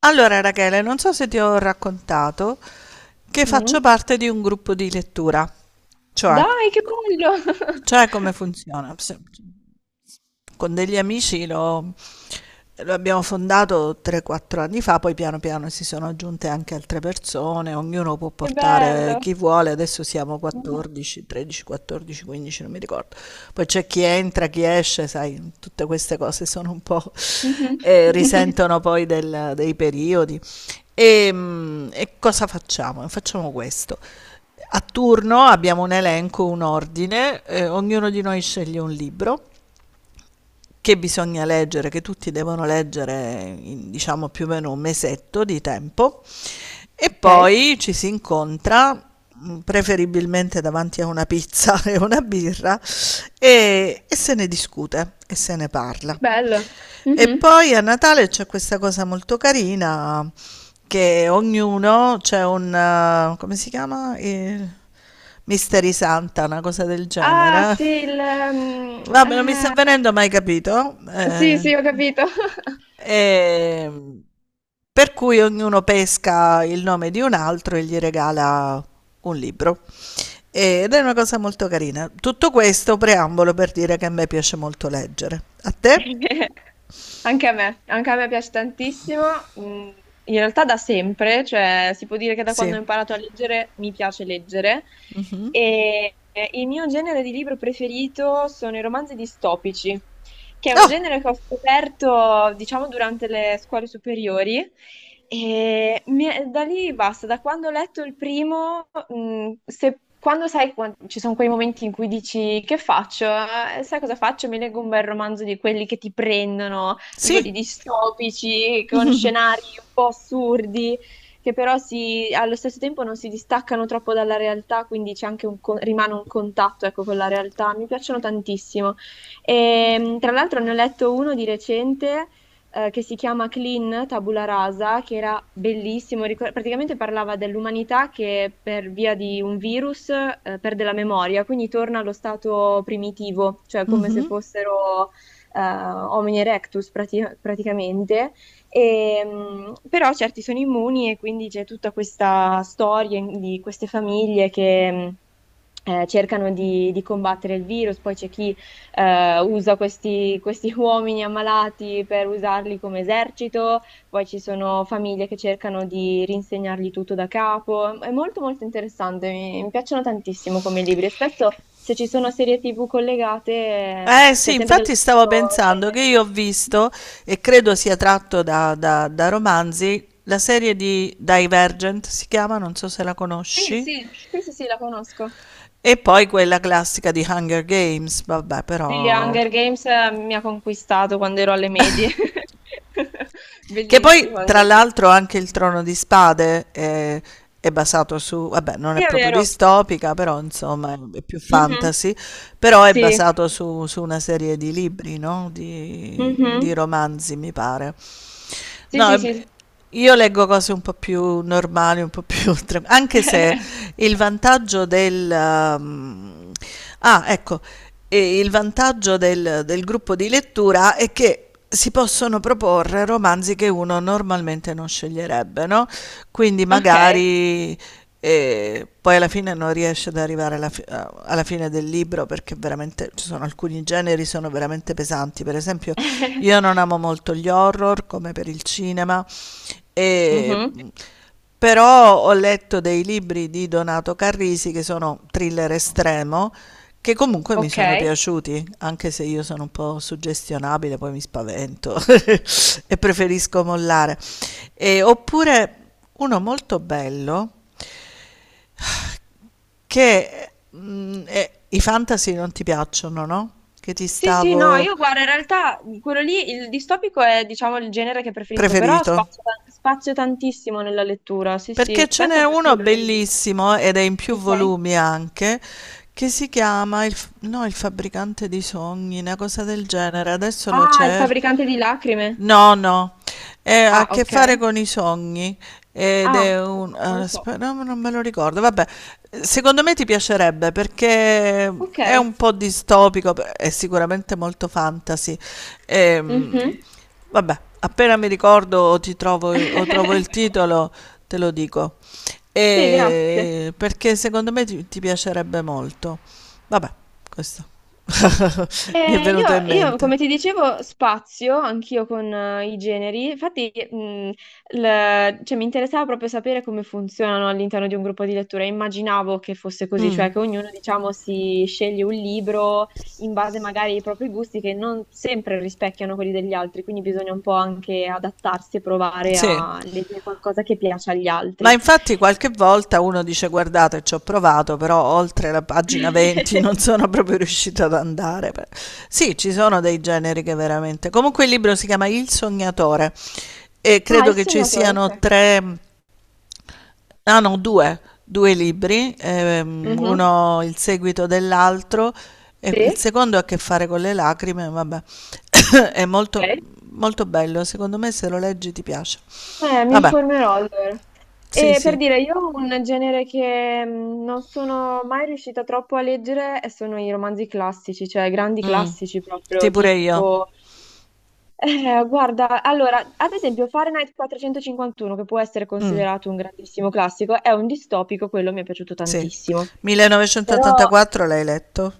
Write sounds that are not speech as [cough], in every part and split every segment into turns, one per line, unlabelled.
Allora, Rachele, non so se ti ho raccontato che faccio
Mm.
parte di un gruppo di lettura, cioè,
Dai, che bello! [laughs]
cioè, come funziona? Con degli amici lo abbiamo fondato 3-4 anni fa, poi piano piano si sono aggiunte anche altre persone, ognuno può
Che
portare
bello!
chi vuole, adesso siamo
Mhm.
14, 13, 14, 15, non mi ricordo. Poi c'è chi entra, chi esce, sai, tutte queste cose sono un po'
Mhm. [laughs]
risentono poi dei periodi. E cosa facciamo? Facciamo questo. A turno abbiamo un elenco, un ordine, ognuno di noi sceglie un libro che bisogna leggere, che tutti devono leggere in diciamo più o meno un mesetto di tempo e
Ok,
poi ci si incontra preferibilmente davanti a una pizza [laughs] e una birra e se ne discute e se ne parla.
bello.
E
Mhm.
poi a Natale c'è questa cosa molto carina che ognuno c'è un, come si chiama? Il Mystery Santa, una cosa del
Ah,
genere.
sì, mm,
Vabbè, non mi sta
eh,
venendo mai capito.
sì, sì, ho capito.
Ehm, per cui ognuno pesca il nome di un altro e gli regala un libro. Ed è una cosa molto carina. Tutto questo preambolo per dire che a me piace molto leggere. A te?
[laughs] Anche a me piace tantissimo. Mm, In realtà da sempre, cioè si può dire che da
Sì.
quando ho imparato a leggere mi piace leggere. E il mio genere di libro preferito sono i romanzi distopici, che è un
Ah,
genere che ho scoperto, diciamo, durante le scuole superiori. E da lì basta. Da quando ho letto il primo, quando sai, ci sono quei momenti in cui dici: che faccio? Sai cosa faccio? Mi leggo un bel romanzo di quelli che ti prendono, di
sì.
quelli distopici, con scenari un po' assurdi, che però allo stesso tempo non si distaccano troppo dalla realtà, quindi c'è anche rimane un contatto, ecco, con la realtà. Mi piacciono tantissimo. E, tra l'altro, ne ho letto uno di recente che si chiama Clean Tabula Rasa, che era bellissimo. Praticamente parlava dell'umanità che, per via di un virus, perde la memoria, quindi torna allo stato primitivo, cioè come se
Mhm.
fossero homini erectus praticamente. E, però certi sono immuni, e quindi c'è tutta questa storia di queste famiglie che cercano di combattere il virus. Poi c'è chi usa questi [laughs] uomini ammalati per usarli come esercito, poi ci sono famiglie che cercano di rinsegnargli tutto da capo. È molto molto interessante. Mi piacciono tantissimo come libri, e spesso se ci sono serie TV collegate,
Eh
cioè
sì,
sempre dello
infatti stavo
stesso
pensando che
genere.
io ho visto, e credo sia tratto da romanzi, la serie di Divergent si chiama, non so se la
Sì,
conosci,
sì, sì, sì, sì, la conosco.
e poi quella classica di Hunger Games, vabbè,
Sì,
però
Hunger Games mi ha conquistato quando ero alle medie. [laughs]
che poi,
Bellissimo
tra
Hunger.
l'altro, anche il Trono di Spade è, basato su, vabbè, non è
Sì, è
proprio
vero.
distopica, però insomma è più
Mhm.
fantasy, però è
Sì.
basato su una serie di libri, no? Di
Mhm.
romanzi, mi pare.
Sì,
No,
sì,
è,
sì, sì.
io leggo cose un po' più normali, un po' più [laughs] tran anche se
[laughs]
il vantaggio del mhmm, ah, ecco, il vantaggio del gruppo di lettura è che si possono proporre romanzi che uno normalmente non sceglierebbe, no, quindi
Ok.
magari e poi alla fine non riesce ad arrivare alla fine del libro perché veramente ci sono alcuni generi sono veramente pesanti. Per esempio,
[laughs]
io non amo molto gli horror come per il cinema, e,
Mhm.
però ho letto dei libri di Donato Carrisi che sono thriller estremo, che comunque mi
Ok.
sono piaciuti, anche se io sono un po' suggestionabile, poi mi spavento [laughs] e preferisco mollare. E, oppure uno molto bello che, i fantasy non ti piacciono, no, che ti
Sì, sì, no,
stavo
io guardo, in realtà quello lì, il distopico è, diciamo, il genere che preferisco, però
preferito.
spazio, spazio tantissimo nella lettura, sì,
Perché
sì.
ce n'è
Fantasy, sì,
uno
lo leggo.
bellissimo, ed è in più
Ok.
volumi anche, che si chiama il f no, il fabbricante di sogni, 'na cosa del genere, adesso lo
Ah, il
cer
fabbricante di lacrime.
no, no, ha
Ah,
a che
ok.
fare con i sogni ed
Ah,
è un,
no, non lo so.
aspetta, no, non me lo ricordo, vabbè, secondo me ti piacerebbe perché
Ok.
è un po' distopico, è sicuramente molto fantasy. Ehm,
Mhm.
Vabbè, appena mi ricordo o ti trovo, o trovo il
[laughs]
titolo te lo dico.
Sì, grazie.
E perché secondo me ti piacerebbe molto, vabbè, questo [laughs] mi è
Eh,
venuto in
io, io,
mente.
come ti dicevo, spazio anch'io con i generi, infatti cioè, mi interessava proprio sapere come funzionano all'interno di un gruppo di lettura. Immaginavo che fosse così, cioè
Mm,
che ognuno, diciamo, si sceglie un libro in base magari ai propri gusti, che non sempre rispecchiano quelli degli altri, quindi bisogna un po' anche adattarsi e provare
sì.
a leggere qualcosa che piace agli
Ma
altri.
infatti qualche volta uno dice: "Guardate c'ho provato, però oltre la pagina
[laughs]
20 [laughs] non sono proprio riuscito ad andare." Pe Sì, ci sono dei generi che veramente comunque il libro si chiama Il sognatore e
Ah,
credo
il
che ci
sognatore,
siano
ok.
3 ah no 2, 2 libri,
Mhm.
uno il seguito dell'altro e il
Sì,
secondo ha a che fare con le lacrime, vabbè. [coughs] È molto
ok.
molto bello, secondo me se lo leggi ti piace.
Mi
Vabbè,
informerò allora.
sì,
E per
sì.
dire, io ho un genere che non sono mai riuscita troppo a leggere, e sono i romanzi classici, cioè grandi
Mh.
classici
Sì,
proprio,
pure io.
tipo... guarda, allora, ad esempio Fahrenheit 451, che può essere
Mh,
considerato un grandissimo classico, è un distopico, quello mi è piaciuto
sì.
tantissimo. Però,
1984 l'hai letto?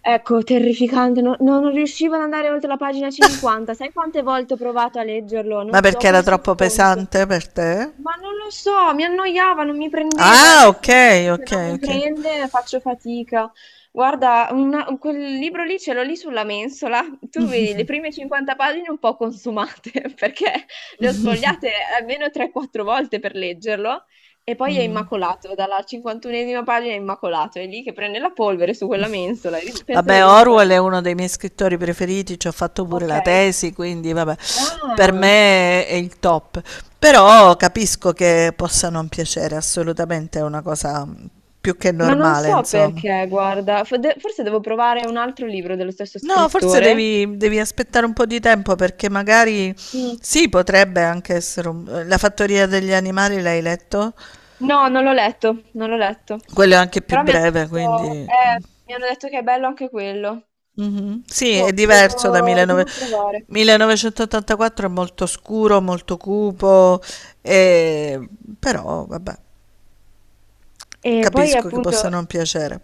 ecco, terrificante, non riuscivo ad andare oltre la pagina 50. Sai quante volte ho provato a leggerlo?
Ma
Ho
perché era
perso il
troppo
conto.
pesante per te?
Ma non lo so, mi annoiava, non mi prendeva. E a
Ah,
me, se un
okay,
libro se non
okay,
mi
okay.
prende, faccio fatica. Guarda, quel libro lì ce l'ho lì sulla mensola. Tu vedi le prime 50 pagine un po' consumate [laughs] perché le ho sfogliate almeno 3-4 volte per leggerlo, e poi è
Mh.
immacolato, dalla 51esima pagina è immacolato, è lì che prende la polvere su quella mensola e penso che
Vabbè,
rimarrà
Orwell è
lì.
uno dei miei scrittori preferiti, ci ho fatto pure
Ok.
la tesi, quindi vabbè, per
Ah.
me è il top. Però capisco che possa non piacere, assolutamente è una cosa, più che
Ma non
normale,
so
insomma.
perché, guarda, forse devo provare un altro libro dello stesso
No, forse
scrittore.
devi aspettare un po' di tempo perché magari
Mm.
sì, potrebbe anche essere La fattoria degli animali l'hai letto?
No, non l'ho letto, non l'ho letto.
Quello è anche più
Però mi hanno
breve,
detto,
quindi.
eh, mi hanno detto che è bello anche quello.
Mhm. Sì,
Boh,
è diverso da
devo
1900
provare.
1984 è molto scuro, molto cupo, e- però vabbè,
E poi
capisco che
appunto.
possa non piacere.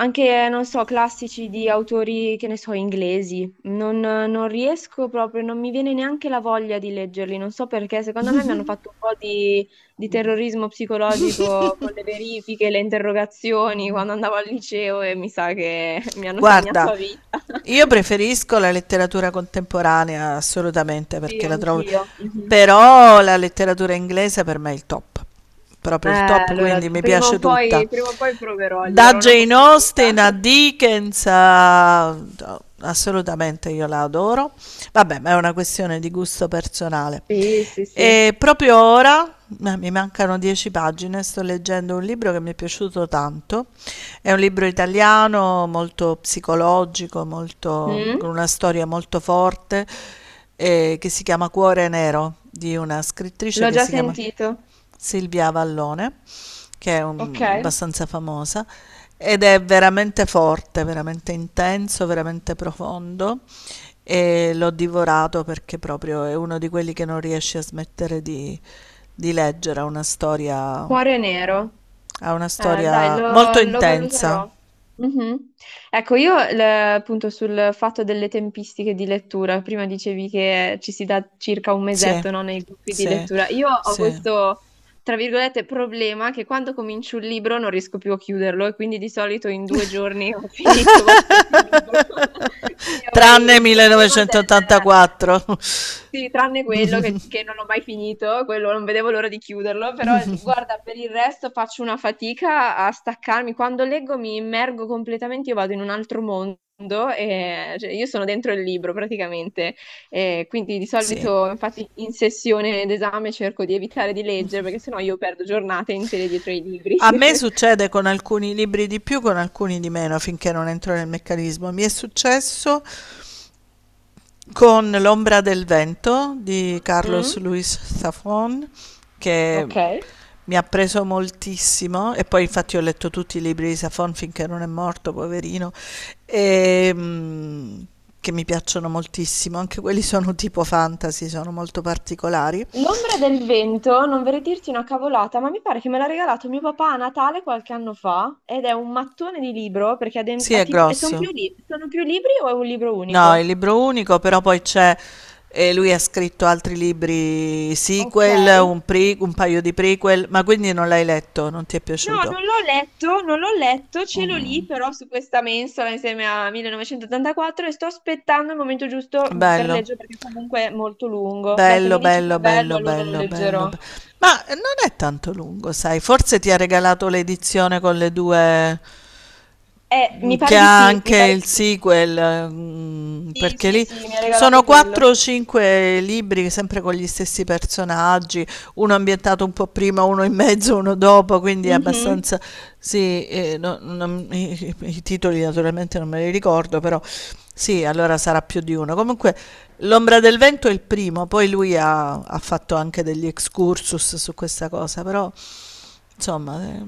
Anche, non so, classici di autori, che ne so, inglesi. Non riesco proprio, non mi viene neanche la voglia di leggerli. Non so perché, secondo me mi hanno fatto un po' di terrorismo psicologico con le verifiche, le interrogazioni quando andavo al liceo, e mi sa che [laughs] mi hanno segnato
Guarda,
a vita.
io
[laughs]
preferisco la letteratura contemporanea assolutamente
Sì,
perché la trovo,
anch'io. Mhm.
però la letteratura inglese per me è il top,
Eh,
proprio il top,
allora,
quindi mi piace tutta.
prima o poi proverò, gli
Da
darò una
Jane
possibilità.
Austen a
[laughs]
Dickens a, no, assolutamente io la adoro. Vabbè, ma è una questione di gusto personale.
Sì, sì, sì.
E proprio ora, ma mi mancano 10 pagine, sto leggendo un libro che mi è piaciuto tanto. È un libro italiano, molto psicologico, molto- con
Mm?
una storia molto forte, che si chiama Cuore Nero, di una scrittrice
L'ho
che
già
si chiama
sentito.
Silvia Avallone, che è
Ok.
un- abbastanza famosa, ed è veramente forte, veramente intenso, veramente profondo e l'ho divorato perché proprio è uno di quelli che non riesce a smettere di leggere,
Cuore nero.
ha una
Dai,
storia molto
lo
intensa,
valuterò. Mhm. Ecco, io appunto sul fatto delle tempistiche di lettura: prima dicevi che ci si dà circa un
sì,
mesetto, no, nei gruppi di
sì,
lettura. Io ho
sì,
questo, tra virgolette, problema, che quando comincio un libro non riesco più a chiuderlo, e quindi di solito in 2 giorni ho [laughs] finito qualsiasi libro. [laughs] Quindi avrei
tranne
il problema del...
1984, [laughs]
Sì, tranne quello che non ho mai finito, quello non vedevo l'ora di chiuderlo, però guarda, per il resto faccio una fatica a staccarmi. Quando leggo mi immergo completamente, io vado in un altro mondo, e cioè, io sono dentro il libro praticamente. E quindi di
sì.
solito, infatti, in sessione d'esame cerco di evitare di leggere, perché sennò io perdo giornate intere dietro ai libri.
A me
[laughs]
succede con alcuni libri di più, con alcuni di meno, finché non entro nel meccanismo. Mi è successo con L'ombra del vento di Carlos
Mm?
Luis Zafón, che
Ok.
mi ha preso moltissimo e poi infatti ho letto tutti i libri di Zafón finché non è morto, poverino, e, mm, che mi piacciono moltissimo. Anche quelli sono tipo fantasy, sono molto particolari.
L'ombra del vento, non vorrei dirti una cavolata, ma mi pare che me l'ha regalato mio papà a Natale qualche anno fa, ed è un mattone di libro perché ha, den-
Sì,
ha
è
tipo... E sono. Sì. Più,
grosso.
sono più libri o è un libro
No, il
unico?
libro unico, però poi c'è, lui ha scritto altri libri
Ok.
sequel,
No,
un paio di prequel, ma quindi non l'hai letto, non ti è piaciuto.
non l'ho letto, non l'ho letto, ce l'ho lì
Mm,
però su questa mensola insieme a 1984, e sto aspettando il momento giusto per
bello.
leggere perché comunque è molto lungo. Beh, se
Bello,
mi dici che
bello,
è bello,
bello,
allora lo
bello, bello.
leggerò.
Ma non è tanto lungo, sai? Forse ti ha regalato l'edizione con le due,
Mi
che
pare di
ha
sì, mi
anche
pare di
il
sì.
sequel,
Sì,
perché
sì,
lì
sì, mi ha
sono
regalato
4
quello.
o 5 libri, sempre con gli stessi personaggi, uno ambientato un po' prima, uno in mezzo, uno dopo, quindi è
Mhm.
abbastanza. Sì, i titoli naturalmente non me li ricordo, però sì, allora sarà più di uno. Comunque L'ombra del vento è il primo, poi lui ha fatto anche degli excursus su questa cosa, però insomma,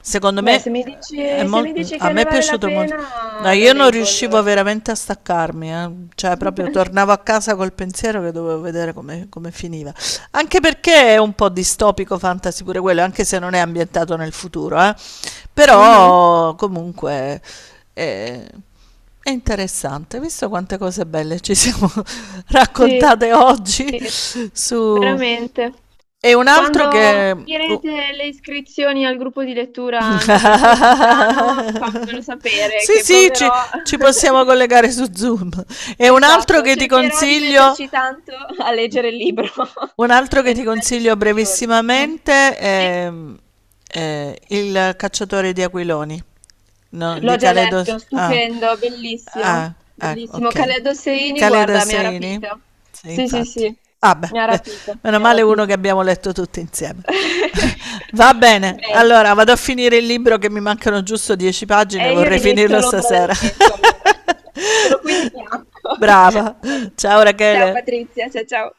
secondo
Beh,
me
se mi dici, se mi dici
a
che
me
ne
è
vale la
piaciuto molto. No,
pena, lo
io non
leggo
riuscivo
allora.
veramente a staccarmi, eh. Cioè proprio tornavo a
[laughs]
casa col pensiero che dovevo vedere come finiva. Anche perché è un po' distopico fantasy pure quello, anche se non è ambientato nel futuro, eh.
Mhm.
Però comunque eh, è interessante, visto quante cose belle ci siamo [laughs]
Sì,
raccontate oggi
sì,
su.
veramente.
E un altro
Quando
che, oh.
finirete le iscrizioni al gruppo di lettura,
[laughs]
anche per chi è lontano, fammelo sapere
Sì,
che
sì, ci,
proverò.
ci possiamo
[laughs]
collegare su Zoom. E un altro
Esatto,
che ti
cercherò di
consiglio.
metterci tanto a leggere il libro [laughs]
Un altro che
e non
ti
metterci
consiglio
2 giorni. Mm.
brevissimamente
Sì?
è, Il cacciatore di aquiloni, no, di
L'ho già
Caledo
letto,
ah,
stupendo,
ah,
bellissimo, bellissimo.
okay.
Khaled Hosseini,
Caledo
guarda, mi ha
Saini?
rapita.
Sì,
Sì, sì,
infatti.
sì,
Ah beh,
mi ha
beh,
rapita,
meno
mi ha
male uno che
rapito.
abbiamo letto tutti insieme.
[laughs]
[laughs] Va bene,
Bene.
allora vado a finire il libro che mi mancano giusto 10 pagine,
E io
vorrei
inizio
finirlo
L'ombra
stasera.
del vento, allora. [laughs] Ce l'ho qui di
[laughs]
fianco.
Brava.
[laughs] Bene.
Ciao
Ciao
Rachele.
Patrizia, ciao ciao.